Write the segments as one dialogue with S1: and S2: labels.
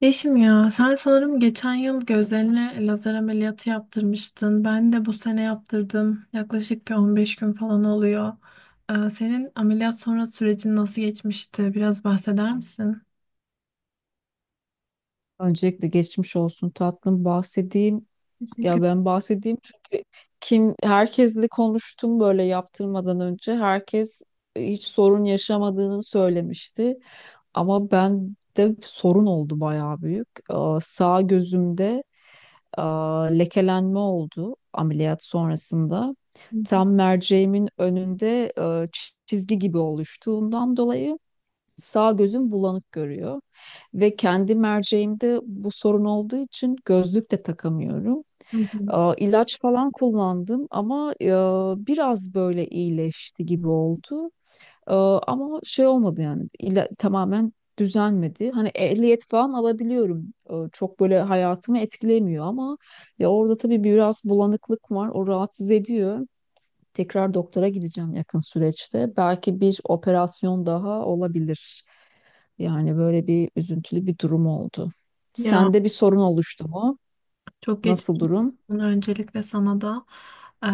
S1: Yeşim ya sen sanırım geçen yıl gözlerine lazer ameliyatı yaptırmıştın. Ben de bu sene yaptırdım. Yaklaşık bir 15 gün falan oluyor. Senin ameliyat sonrası sürecin nasıl geçmişti? Biraz bahseder misin?
S2: Öncelikle geçmiş olsun tatlım, bahsedeyim.
S1: Teşekkür
S2: Ya ben bahsedeyim, çünkü herkesle konuştum, böyle yaptırmadan önce herkes hiç sorun yaşamadığını söylemişti. Ama ben de sorun oldu, bayağı büyük. Sağ gözümde lekelenme oldu ameliyat sonrasında.
S1: ederim.
S2: Tam merceğimin önünde çizgi gibi oluştuğundan dolayı sağ gözüm bulanık görüyor ve kendi merceğimde bu sorun olduğu için gözlük de takamıyorum.
S1: Hı hı.
S2: İlaç falan kullandım ama biraz böyle iyileşti gibi oldu. Ama şey olmadı yani, tamamen düzelmedi. Hani ehliyet falan alabiliyorum. Çok böyle hayatımı etkilemiyor ama ya orada tabii biraz bulanıklık var. O rahatsız ediyor. Tekrar doktora gideceğim yakın süreçte. Belki bir operasyon daha olabilir. Yani böyle bir üzüntülü bir durum oldu.
S1: Ya,
S2: Sende bir sorun oluştu mu?
S1: çok geçmiş
S2: Nasıl durum?
S1: olsun öncelikle sana da. Ee,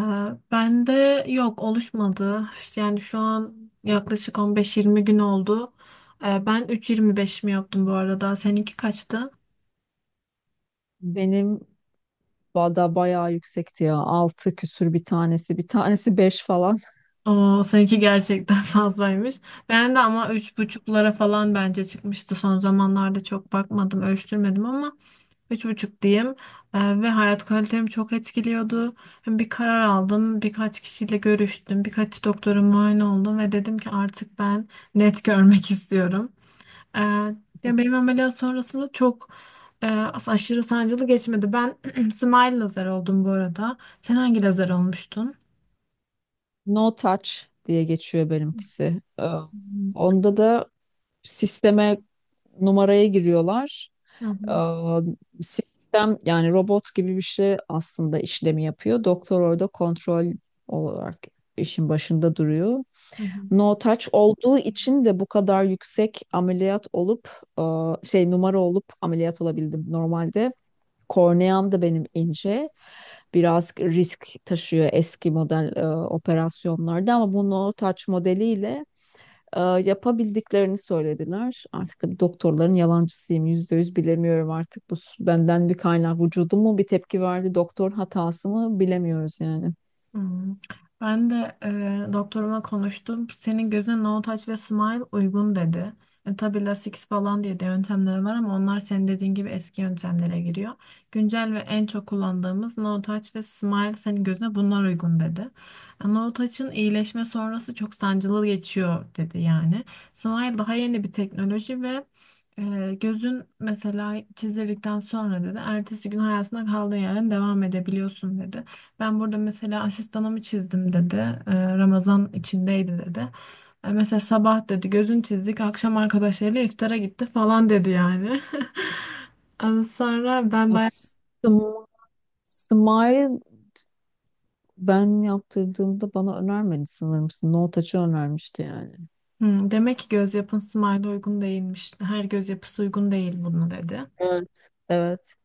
S1: Ben de yok, oluşmadı. Yani şu an yaklaşık 15-20 gün oldu. Ben 3.25 mi yaptım bu arada? Seninki kaçtı?
S2: Benim vada bayağı yüksekti ya. Altı küsür bir tanesi. Bir tanesi beş falan.
S1: O seninki gerçekten fazlaymış. Ben de ama üç buçuklara falan bence çıkmıştı. Son zamanlarda çok bakmadım, ölçtürmedim ama üç buçuk diyeyim. Ve hayat kalitemi çok etkiliyordu. Bir karar aldım, birkaç kişiyle görüştüm, birkaç doktora muayene oldum ve dedim ki artık ben net görmek istiyorum. Ee, ya benim ameliyat sonrası da çok e, aşırı sancılı geçmedi. Ben smile lazer oldum bu arada. Sen hangi lazer olmuştun?
S2: No Touch diye geçiyor benimkisi.
S1: Hı hı.
S2: Onda da sisteme numaraya giriyorlar.
S1: Hı hı.
S2: Aa, Sistem yani robot gibi bir şey aslında işlemi yapıyor. Doktor orada kontrol olarak işin başında duruyor.
S1: Hı hı.
S2: No touch olduğu için de bu kadar yüksek ameliyat olup, şey numara olup ameliyat olabildim. Normalde korneam da benim ince. Biraz risk taşıyor eski model operasyonlarda ama bu no touch modeliyle yapabildiklerini söylediler. Artık da doktorların yalancısıyım. %100 bilemiyorum artık. Bu benden bir kaynak. Vücudum mu bir tepki verdi? Doktor hatası mı? Bilemiyoruz yani.
S1: Hmm. Ben de doktoruma konuştum. Senin gözüne no touch ve smile uygun dedi. E, tabii lasik falan diye de yöntemler var ama onlar senin dediğin gibi eski yöntemlere giriyor. Güncel ve en çok kullandığımız no touch ve smile senin gözüne bunlar uygun dedi. E, no touch'ın iyileşme sonrası çok sancılı geçiyor dedi yani. Smile daha yeni bir teknoloji ve gözün mesela çizildikten sonra dedi ertesi gün hayatına kaldığın yerden devam edebiliyorsun dedi. Ben burada mesela asistanımı çizdim dedi. Ramazan içindeydi dedi. Mesela sabah dedi gözün çizdik akşam arkadaşlarıyla iftara gitti falan dedi yani. Ondan sonra ben bayağı
S2: Aslında Smile ben yaptırdığımda bana önermedi sanırım. No Touch'ı önermişti yani.
S1: "Hmm, demek ki göz yapın Smile'a uygun değilmiş. Her göz yapısı uygun değil" bunu dedi.
S2: Evet. Evet.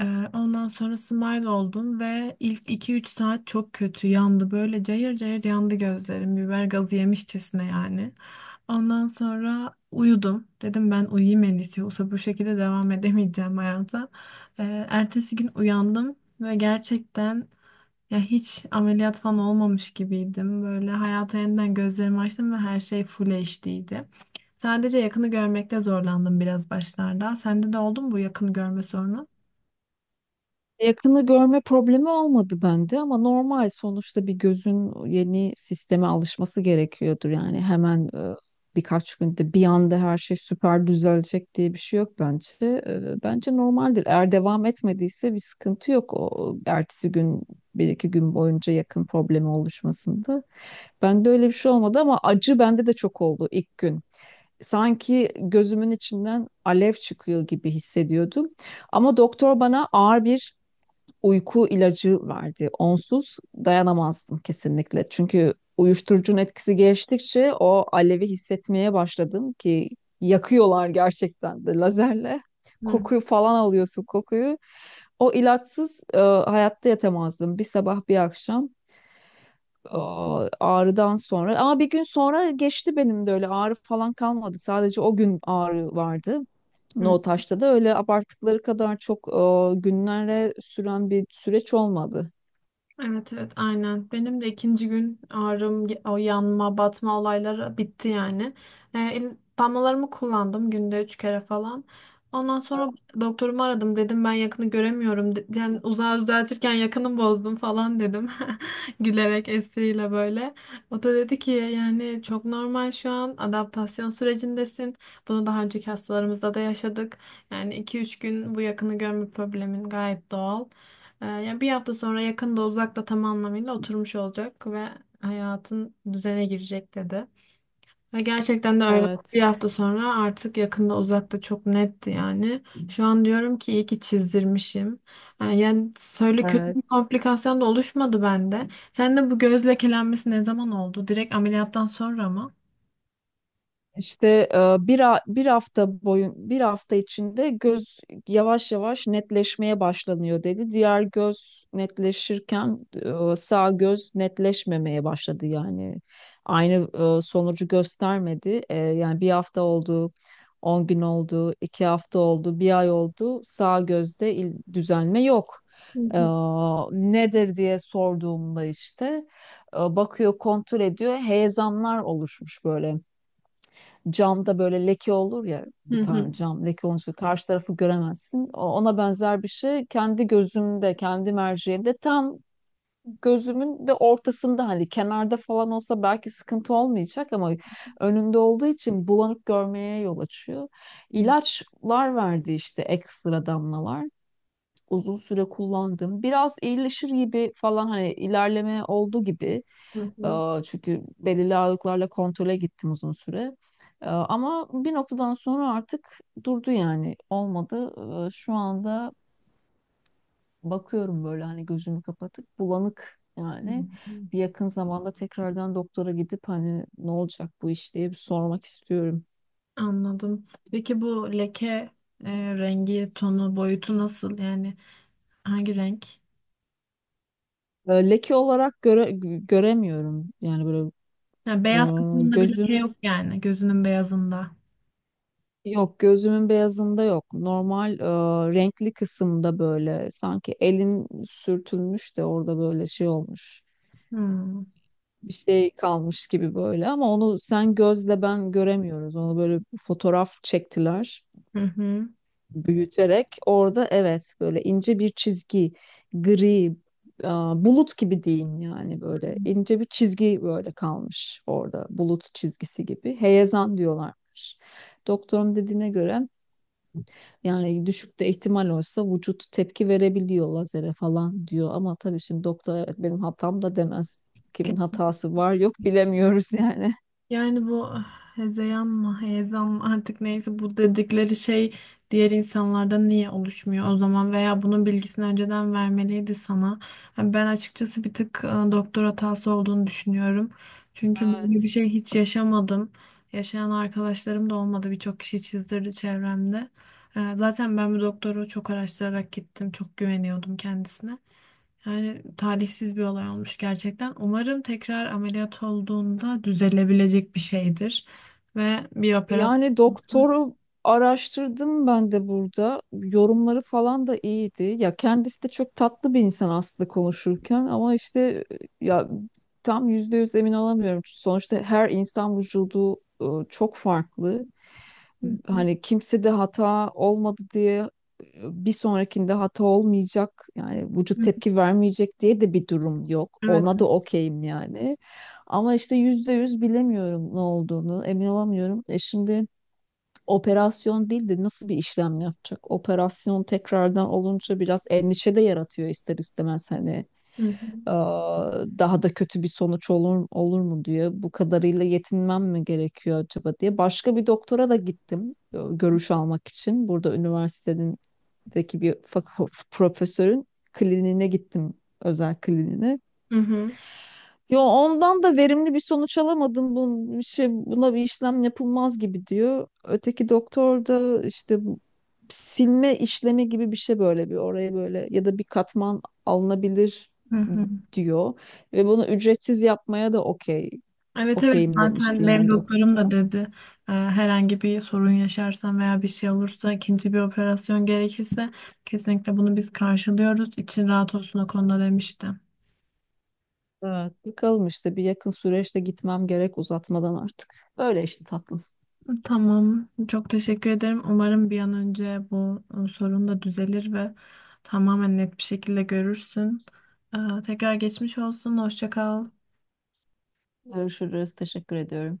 S1: Ondan sonra smile oldum ve ilk iki üç saat çok kötü yandı. Böyle cayır cayır yandı gözlerim. Biber gazı yemişçesine yani. Ondan sonra uyudum. Dedim ben uyuyayım en iyisi. Yoksa bu şekilde devam edemeyeceğim hayata. Ertesi gün uyandım ve gerçekten ya hiç ameliyat falan olmamış gibiydim. Böyle hayata yeniden gözlerimi açtım ve her şey full HD'ydi. Sadece yakını görmekte zorlandım biraz başlarda. Sende de oldu mu bu yakını görme sorunu?
S2: Yakını görme problemi olmadı bende ama normal, sonuçta bir gözün yeni sisteme alışması gerekiyordur. Yani hemen birkaç günde bir anda her şey süper düzelecek diye bir şey yok bence. E, bence normaldir. Eğer devam etmediyse bir sıkıntı yok, o ertesi gün bir iki gün boyunca yakın problemi oluşmasında. Bende öyle bir şey olmadı ama acı bende de çok oldu ilk gün. Sanki gözümün içinden alev çıkıyor gibi hissediyordum. Ama doktor bana ağır bir uyku ilacı verdi. Onsuz dayanamazdım kesinlikle. Çünkü uyuşturucunun etkisi geçtikçe o alevi hissetmeye başladım ki yakıyorlar gerçekten de lazerle. Kokuyu falan alıyorsun, kokuyu. O ilaçsız hayatta yatamazdım. Bir sabah bir akşam ağrıdan sonra. Ama bir gün sonra geçti, benim de öyle ağrı falan kalmadı. Sadece o gün ağrı vardı.
S1: Hı.
S2: No taşta da öyle abarttıkları kadar çok günlere süren bir süreç olmadı.
S1: Evet, evet, aynen. Benim de ikinci gün ağrım, o yanma, batma olayları bitti yani. E, damlalarımı kullandım günde üç kere falan. Ondan sonra doktorumu aradım, dedim ben yakını göremiyorum. Yani uzağı düzeltirken yakını bozdum falan dedim. Gülerek, espriyle böyle. O da dedi ki yani çok normal, şu an adaptasyon sürecindesin. Bunu daha önceki hastalarımızda da yaşadık. Yani iki üç gün bu yakını görme problemin gayet doğal. Yani bir hafta sonra yakında uzakta tam anlamıyla oturmuş olacak ve hayatın düzene girecek dedi. Ve gerçekten de öyle. Bir
S2: Evet.
S1: hafta sonra artık yakında uzakta çok netti yani. Şu an diyorum ki iyi ki çizdirmişim. Yani söyle kötü bir
S2: Evet.
S1: komplikasyon da oluşmadı bende. Sen de bu göz lekelenmesi ne zaman oldu? Direkt ameliyattan sonra mı?
S2: İşte e, bir, ha- bir hafta boyun bir hafta içinde göz yavaş yavaş netleşmeye başlanıyor dedi. Diğer göz netleşirken sağ göz netleşmemeye başladı yani. Aynı sonucu göstermedi. E, yani bir hafta oldu, 10 gün oldu, 2 hafta oldu, bir ay oldu. Sağ gözde düzelme yok.
S1: Hı
S2: E,
S1: hı.
S2: nedir diye sorduğumda işte bakıyor, kontrol ediyor. Heyelanlar oluşmuş böyle, camda böyle leke olur ya,
S1: Hı
S2: bir
S1: hı.
S2: tane cam leke olunca karşı tarafı göremezsin. Ona benzer bir şey kendi gözümde, kendi merceğimde tam gözümün de ortasında, hani kenarda falan olsa belki sıkıntı olmayacak ama önünde olduğu için bulanık görmeye yol açıyor.
S1: Hı
S2: İlaçlar verdi işte, ekstra damlalar. Uzun süre kullandım. Biraz iyileşir gibi falan, hani ilerleme oldu gibi.
S1: hı. Hı.
S2: Çünkü belirli ağırlıklarla kontrole gittim uzun süre. Ama bir noktadan sonra artık durdu yani, olmadı. Şu anda bakıyorum böyle, hani gözümü kapatıp bulanık
S1: Hı.
S2: yani.
S1: Hı.
S2: Bir yakın zamanda tekrardan doktora gidip hani ne olacak bu iş diye bir sormak istiyorum.
S1: Anladım. Peki bu leke rengi, tonu, boyutu nasıl? Yani hangi renk?
S2: Leke olarak göremiyorum yani, böyle
S1: Yani
S2: e,
S1: beyaz kısmında bir leke
S2: gözümün
S1: yok yani, gözünün beyazında.
S2: Yok, gözümün beyazında yok. Normal renkli kısımda böyle, sanki elin sürtülmüş de orada böyle şey olmuş.
S1: Hı hı.
S2: Bir şey kalmış gibi böyle, ama onu sen gözle ben göremiyoruz. Onu böyle fotoğraf çektiler,
S1: Hı.
S2: büyüterek. Orada evet, böyle ince bir çizgi, gri e, bulut gibi diyeyim yani,
S1: Hı.
S2: böyle ince bir çizgi böyle kalmış orada, bulut çizgisi gibi. Heyelan diyorlarmış. Doktorun dediğine göre, yani düşük de ihtimal olsa vücut tepki verebiliyor lazere falan diyor. Ama tabii şimdi doktor evet benim hatam da demez. Kimin hatası var yok bilemiyoruz yani.
S1: Yani bu ah, hezeyan mı, heyecan mı artık neyse bu dedikleri şey diğer insanlarda niye oluşmuyor o zaman? Veya bunun bilgisini önceden vermeliydi sana. Yani ben açıkçası bir tık doktor hatası olduğunu düşünüyorum. Çünkü böyle bir
S2: Evet.
S1: şey hiç yaşamadım. Yaşayan arkadaşlarım da olmadı. Birçok kişi çizdirdi çevremde. E, zaten ben bu doktoru çok araştırarak gittim. Çok güveniyordum kendisine. Yani talihsiz bir olay olmuş gerçekten. Umarım tekrar ameliyat olduğunda düzelebilecek bir şeydir. Ve bir operasyon.
S2: Yani doktoru araştırdım ben de burada. Yorumları falan da iyiydi. Ya kendisi de çok tatlı bir insan aslında konuşurken ama işte ya, tam %100 emin olamıyorum. Sonuçta her insan vücudu çok farklı.
S1: Hı
S2: Hani kimse de hata olmadı diye bir sonrakinde hata olmayacak yani vücut
S1: hı.
S2: tepki vermeyecek diye de bir durum yok.
S1: Evet.
S2: Ona da okeyim yani. Ama işte %100 bilemiyorum ne olduğunu, emin olamıyorum. E şimdi operasyon değil de nasıl bir işlem yapacak? Operasyon tekrardan olunca biraz endişe de yaratıyor ister istemez hani.
S1: Hı hı.
S2: Ee, Daha da kötü bir sonuç olur, olur mu diye bu kadarıyla yetinmem mi gerekiyor acaba diye başka bir doktora da gittim, görüş almak için. Burada üniversitedeki bir profesörün kliniğine gittim, özel kliniğine.
S1: Hı hı.
S2: Yo, ondan da verimli bir sonuç alamadım. Bu bir şey, buna bir işlem yapılmaz gibi diyor. Öteki doktor da işte bu silme işlemi gibi bir şey, böyle bir oraya böyle ya da bir katman alınabilir
S1: Hı hı.
S2: diyor. Ve bunu ücretsiz yapmaya da
S1: Evet, evet,
S2: okeyim demişti
S1: zaten benim
S2: yani, doktor.
S1: doktorum da dedi herhangi bir sorun yaşarsam veya bir şey olursa ikinci bir operasyon gerekirse kesinlikle bunu biz karşılıyoruz. İçin rahat olsun o konuda demişti.
S2: Evet, bakalım işte bir yakın süreçte gitmem gerek uzatmadan artık. Böyle işte tatlım.
S1: Tamam. Çok teşekkür ederim. Umarım bir an önce bu sorun da düzelir ve tamamen net bir şekilde görürsün. Tekrar geçmiş olsun. Hoşça kal.
S2: Görüşürüz. Teşekkür ediyorum.